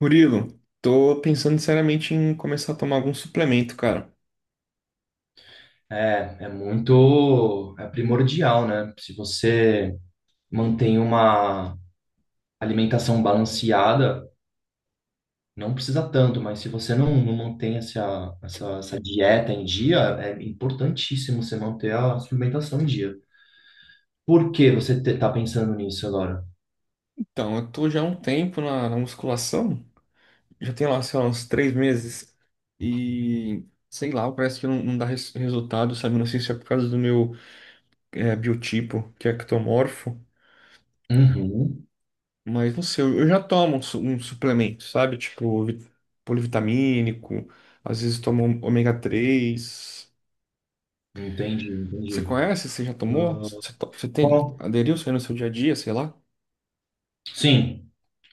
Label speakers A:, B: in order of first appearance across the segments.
A: Murilo, tô pensando seriamente em começar a tomar algum suplemento, cara.
B: É muito, é primordial, né? Se você mantém uma alimentação balanceada, não precisa tanto, mas se você não mantém essa dieta em dia, é importantíssimo você manter a suplementação em dia. Por que você tá pensando nisso agora?
A: Então, eu tô já há um tempo na musculação, já tem lá, sei lá, uns 3 meses, e sei lá, parece que não dá resultado, sabe? Não sei se é por causa do meu biotipo, que é ectomorfo,
B: Uhum,
A: mas não sei, eu já tomo um suplemento, sabe? Tipo, polivitamínico, às vezes tomo ômega 3.
B: entendi,
A: Você
B: entendi.
A: conhece? Você já tomou? Você tem,
B: Bom,
A: aderiu isso aí no seu dia a dia, sei lá?
B: sim,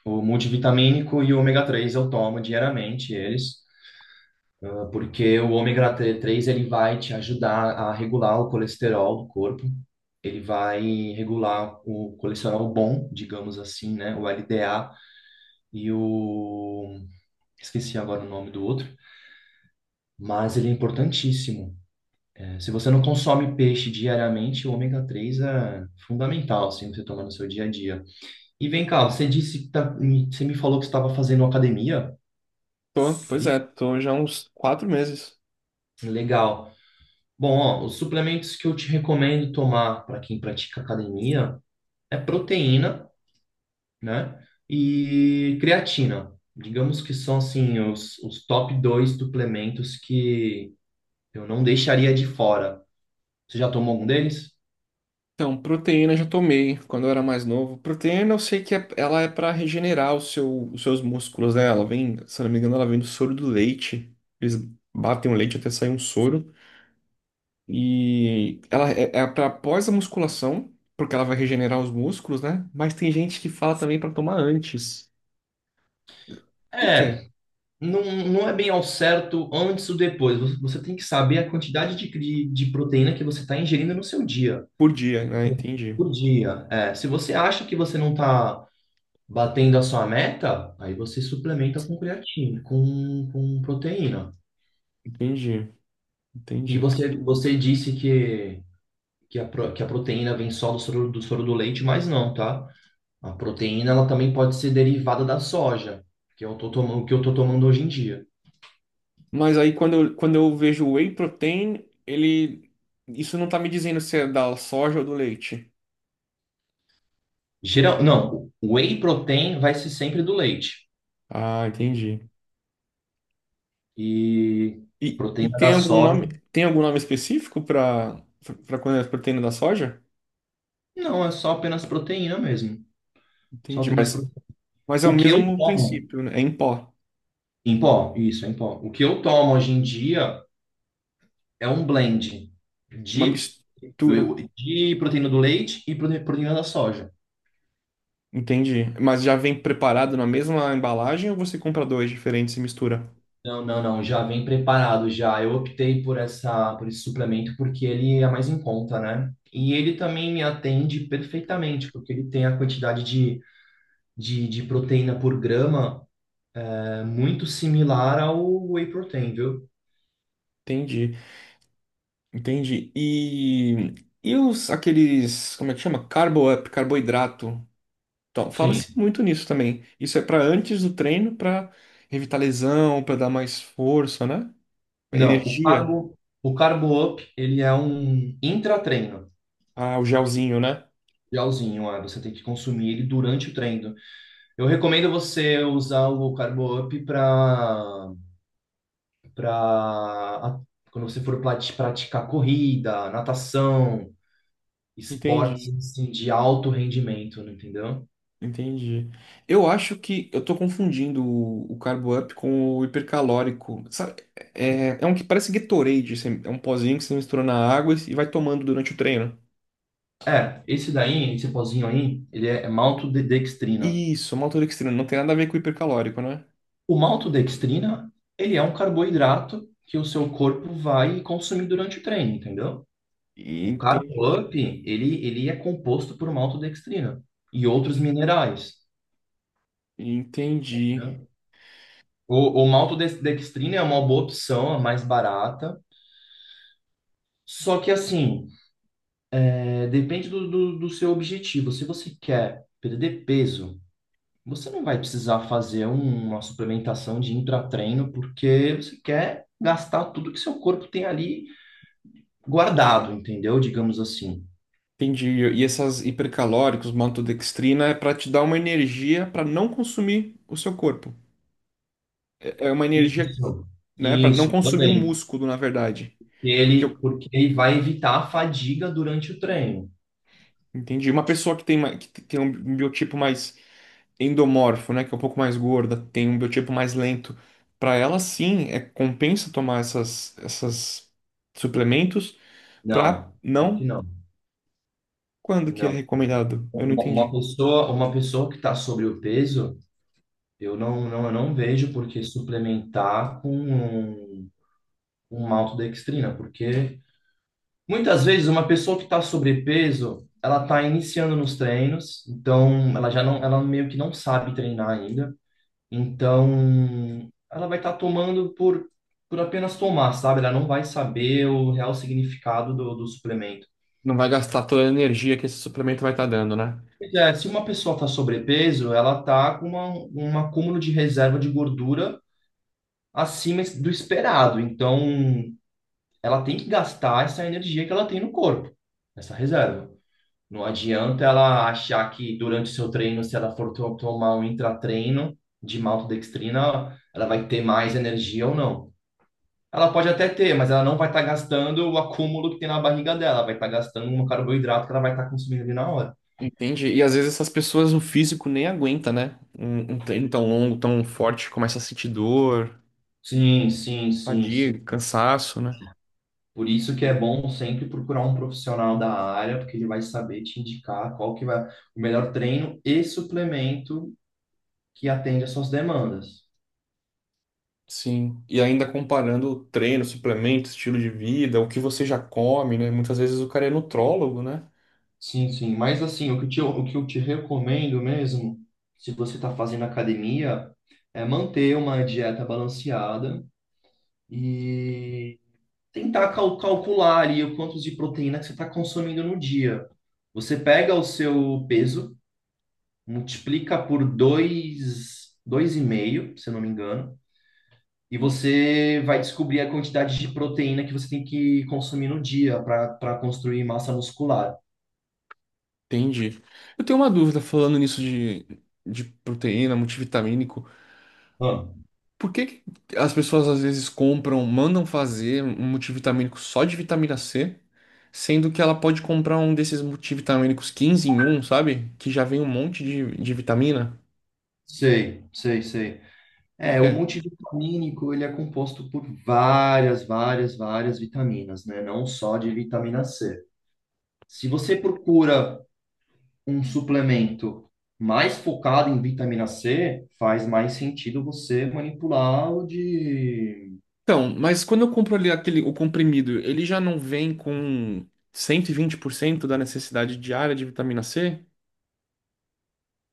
B: o multivitamínico e o ômega 3 eu tomo diariamente, eles. Porque o ômega 3 ele vai te ajudar a regular o colesterol do corpo, ele vai regular o colesterol bom, digamos assim, né, o LDA e o esqueci agora o nome do outro, mas ele é importantíssimo. É, se você não consome peixe diariamente, o ômega 3 é fundamental, assim, você tomar no seu dia a dia. E vem cá, você disse que você me falou que você estava fazendo academia,
A: Tô, pois
B: aí?
A: é, tô já há uns 4 meses.
B: Legal. Bom, ó, os suplementos que eu te recomendo tomar para quem pratica academia é proteína, né? E creatina. Digamos que são assim os top dois suplementos que eu não deixaria de fora. Você já tomou algum deles?
A: Então, proteína eu já tomei quando eu era mais novo. Proteína eu sei que ela é pra regenerar o os seus músculos, né? Ela vem, se eu não me engano, ela vem do soro do leite. Eles batem o leite até sair um soro. E ela é para após a musculação, porque ela vai regenerar os músculos, né? Mas tem gente que fala também pra tomar antes. Por quê?
B: É, não é bem ao certo antes ou depois. Você tem que saber a quantidade de proteína que você está ingerindo no seu dia.
A: Por dia, né? Entendi.
B: Por dia. É, se você acha que você não está batendo a sua meta, aí você suplementa com creatina, com proteína.
A: Entendi.
B: E
A: Entendi.
B: você disse que a proteína vem só do soro, do soro do leite, mas não, tá? A proteína, ela também pode ser derivada da soja, que eu tô tomando hoje em dia.
A: Mas aí quando eu vejo o whey protein, ele. Isso não tá me dizendo se é da soja ou do leite.
B: Geral, não, o whey protein vai ser sempre do leite.
A: Ah, entendi.
B: E a
A: E
B: proteína
A: tem
B: da
A: algum
B: soja,
A: nome, tem algum nome específico para quando é proteína da soja?
B: não, é só apenas proteína mesmo. Só
A: Entendi,
B: apenas
A: mas,
B: proteína.
A: mas é o
B: O que eu
A: mesmo
B: tomo
A: princípio, né? É em pó,
B: em pó, isso, em pó. O que eu tomo hoje em dia é um blend
A: uma
B: de,
A: mistura.
B: de proteína do leite e proteína da soja.
A: Entendi. Mas já vem preparado na mesma embalagem ou você compra dois diferentes e mistura?
B: Não, não, não, já vem preparado já. Eu optei por essa, por esse suplemento porque ele é mais em conta, né? E ele também me atende perfeitamente, porque ele tem a quantidade de proteína por grama é, muito similar ao whey protein, viu?
A: Entendi, entendi. E os aqueles, como é que chama? Carbo up, carboidrato. Então, fala-se
B: Sim.
A: muito nisso também. Isso é para antes do treino, para evitar lesão, para dar mais força, né?
B: Não,
A: Energia.
B: o carbo up, ele é um intratreino,
A: Ah, o gelzinho, né?
B: gelzinho, é, você tem que consumir ele durante o treino. Eu recomendo você usar o Carbo Up para para quando você for praticar corrida, natação, esportes
A: Entendi,
B: assim, de alto rendimento, né, entendeu?
A: entendi. Eu acho que eu tô confundindo o Carbo Up com o hipercalórico. Sabe? É um que parece Gatorade, é um pozinho que você mistura na água e vai tomando durante o treino.
B: É, esse daí, esse pozinho aí, ele é maltodextrina.
A: Isso, maltodextrina, não tem nada a ver com o hipercalórico, né?
B: O maltodextrina, ele é um carboidrato que o seu corpo vai consumir durante o treino, entendeu? O
A: Entendi,
B: Carbo Up, ele é composto por maltodextrina e outros minerais.
A: entendi.
B: Né? O maltodextrina é uma boa opção, é mais barata. Só que, assim, é, depende do seu objetivo. Se você quer perder peso, você não vai precisar fazer uma suplementação de intratreino, porque você quer gastar tudo que seu corpo tem ali guardado, entendeu? Digamos assim.
A: Entendi. E essas hipercalóricos, maltodextrina, é para te dar uma energia para não consumir o seu corpo. É uma energia,
B: Isso.
A: né, para não
B: Isso
A: consumir o
B: também.
A: músculo, na verdade.
B: Que
A: Que
B: ele,
A: eu
B: porque ele vai evitar a fadiga durante o treino.
A: entendi. Uma pessoa que tem um biotipo mais endomorfo, né, que é um pouco mais gorda, tem um biotipo mais lento, para ela sim, compensa tomar essas suplementos para
B: Não, que
A: não
B: não,
A: quando que é
B: não.
A: recomendado. Eu não
B: Uma uma
A: entendi.
B: pessoa, uma pessoa que está sobre o peso. Eu não vejo por que suplementar com um, maltodextrina, porque muitas vezes uma pessoa que está sobrepeso, ela está iniciando nos treinos, então ela já não, ela meio que não sabe treinar ainda, então ela vai estar tomando por apenas tomar, sabe? Ela não vai saber o real significado do suplemento.
A: Não vai gastar toda a energia que esse suplemento vai estar dando, né?
B: Pois é, se uma pessoa está sobrepeso, ela está com um acúmulo de reserva de gordura acima do esperado. Então, ela tem que gastar essa energia que ela tem no corpo, essa reserva. Não adianta ela achar que durante o seu treino, se ela for tomar um intratreino de maltodextrina, ela vai ter mais energia ou não. Ela pode até ter, mas ela não vai estar gastando o acúmulo que tem na barriga dela, vai estar gastando um carboidrato que ela vai estar consumindo ali na hora.
A: entende E às vezes essas pessoas o físico nem aguenta, né? Um treino tão longo, tão forte, começa a sentir dor,
B: Sim, sim, sim, sim.
A: fadiga, cansaço, né?
B: Por isso que é bom sempre procurar um profissional da área, porque ele vai saber te indicar qual que vai o melhor treino e suplemento que atende às suas demandas.
A: Sim. E ainda comparando o treino, suplemento, estilo de vida, o que você já come, né? Muitas vezes o cara é nutrólogo, né?
B: Sim, sim. Mas assim, o que eu te recomendo mesmo, se você está fazendo academia, é manter uma dieta balanceada e tentar calcular ali o quanto de proteína que você está consumindo no dia. Você pega o seu peso, multiplica por dois, dois e meio, se eu não me engano, e você vai descobrir a quantidade de proteína que você tem que consumir no dia para para construir massa muscular.
A: Entendi. Eu tenho uma dúvida falando nisso de proteína, multivitamínico.
B: Ah.
A: Por que que as pessoas às vezes compram, mandam fazer um multivitamínico só de vitamina C, sendo que ela pode comprar um desses multivitamínicos 15 em 1, sabe? Que já vem um monte de vitamina?
B: Sei, sei, sei.
A: Por
B: É, o
A: quê?
B: multivitamínico, ele é composto por várias, várias, várias vitaminas, né? Não só de vitamina C. Se você procura um suplemento mais focado em vitamina C, faz mais sentido você manipular o de
A: Então, mas quando eu compro ali aquele, o comprimido, ele já não vem com 120% da necessidade diária de vitamina C?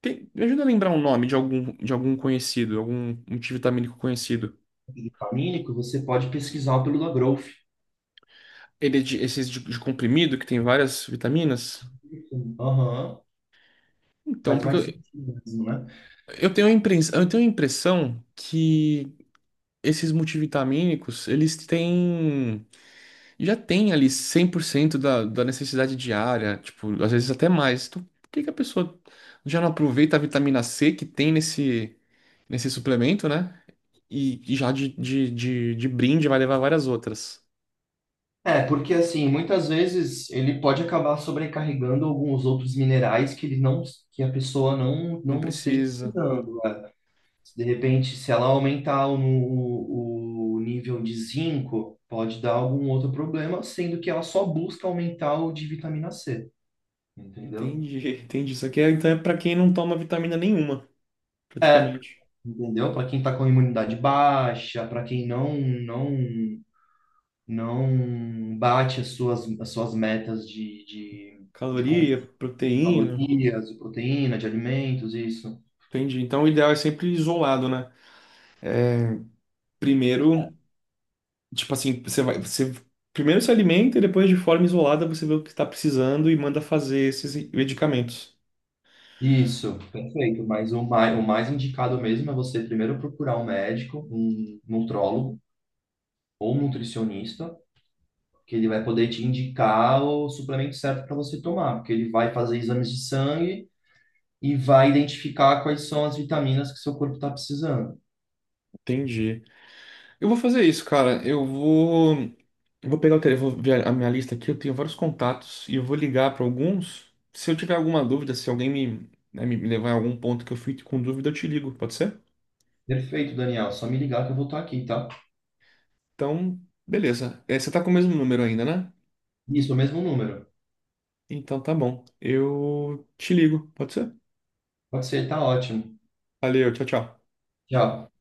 A: Me ajuda a lembrar um nome de algum, conhecido, algum multivitamínico conhecido.
B: vitamínico, você pode pesquisar pelo da Growth.
A: Ele é de, esses de comprimido que tem várias vitaminas?
B: Aham.
A: Então,
B: Faz
A: porque
B: mais
A: eu,
B: sentido mesmo, né?
A: Eu tenho a impressão que esses multivitamínicos, eles têm, já tem ali 100% da necessidade diária, tipo, às vezes até mais. Então, por que que a pessoa já não aproveita a vitamina C que tem nesse suplemento, né? E já de brinde vai levar várias outras.
B: É, porque assim, muitas vezes ele pode acabar sobrecarregando alguns outros minerais que ele não, que a pessoa não,
A: Não
B: não esteja
A: precisa.
B: precisando. Né? De repente, se ela aumentar o nível de zinco, pode dar algum outro problema, sendo que ela só busca aumentar o de vitamina C, entendeu?
A: Entendi, entendi. Isso aqui então é para quem não toma vitamina nenhuma, praticamente.
B: Entendeu? Para quem está com a imunidade baixa, para quem não não bate as suas metas de consumo.
A: Caloria, proteína.
B: Calorias, de proteína, de alimentos, isso.
A: Entendi. Então o ideal é sempre isolado, né? Primeiro, tipo assim, você primeiro se alimenta e depois de forma isolada você vê o que está precisando e manda fazer esses medicamentos.
B: Isso, perfeito. Mas o mais indicado mesmo é você primeiro procurar um médico, um nutrólogo ou um nutricionista, que ele vai poder te indicar o suplemento certo para você tomar, porque ele vai fazer exames de sangue e vai identificar quais são as vitaminas que seu corpo está precisando.
A: Entendi. Eu vou fazer isso, cara. Eu vou pegar o telefone, vou ver a minha lista aqui. Eu tenho vários contatos e eu vou ligar para alguns. Se eu tiver alguma dúvida, se alguém me, né, me levar a algum ponto que eu fique com dúvida, eu te ligo, pode ser?
B: Perfeito, Daniel. Só me ligar que eu vou estar aqui, tá?
A: Então, beleza. É, você tá com o mesmo número ainda, né?
B: Isso, o mesmo número.
A: Então tá bom. Eu te ligo, pode ser?
B: Pode ser, tá ótimo.
A: Valeu, tchau, tchau.
B: Tchau.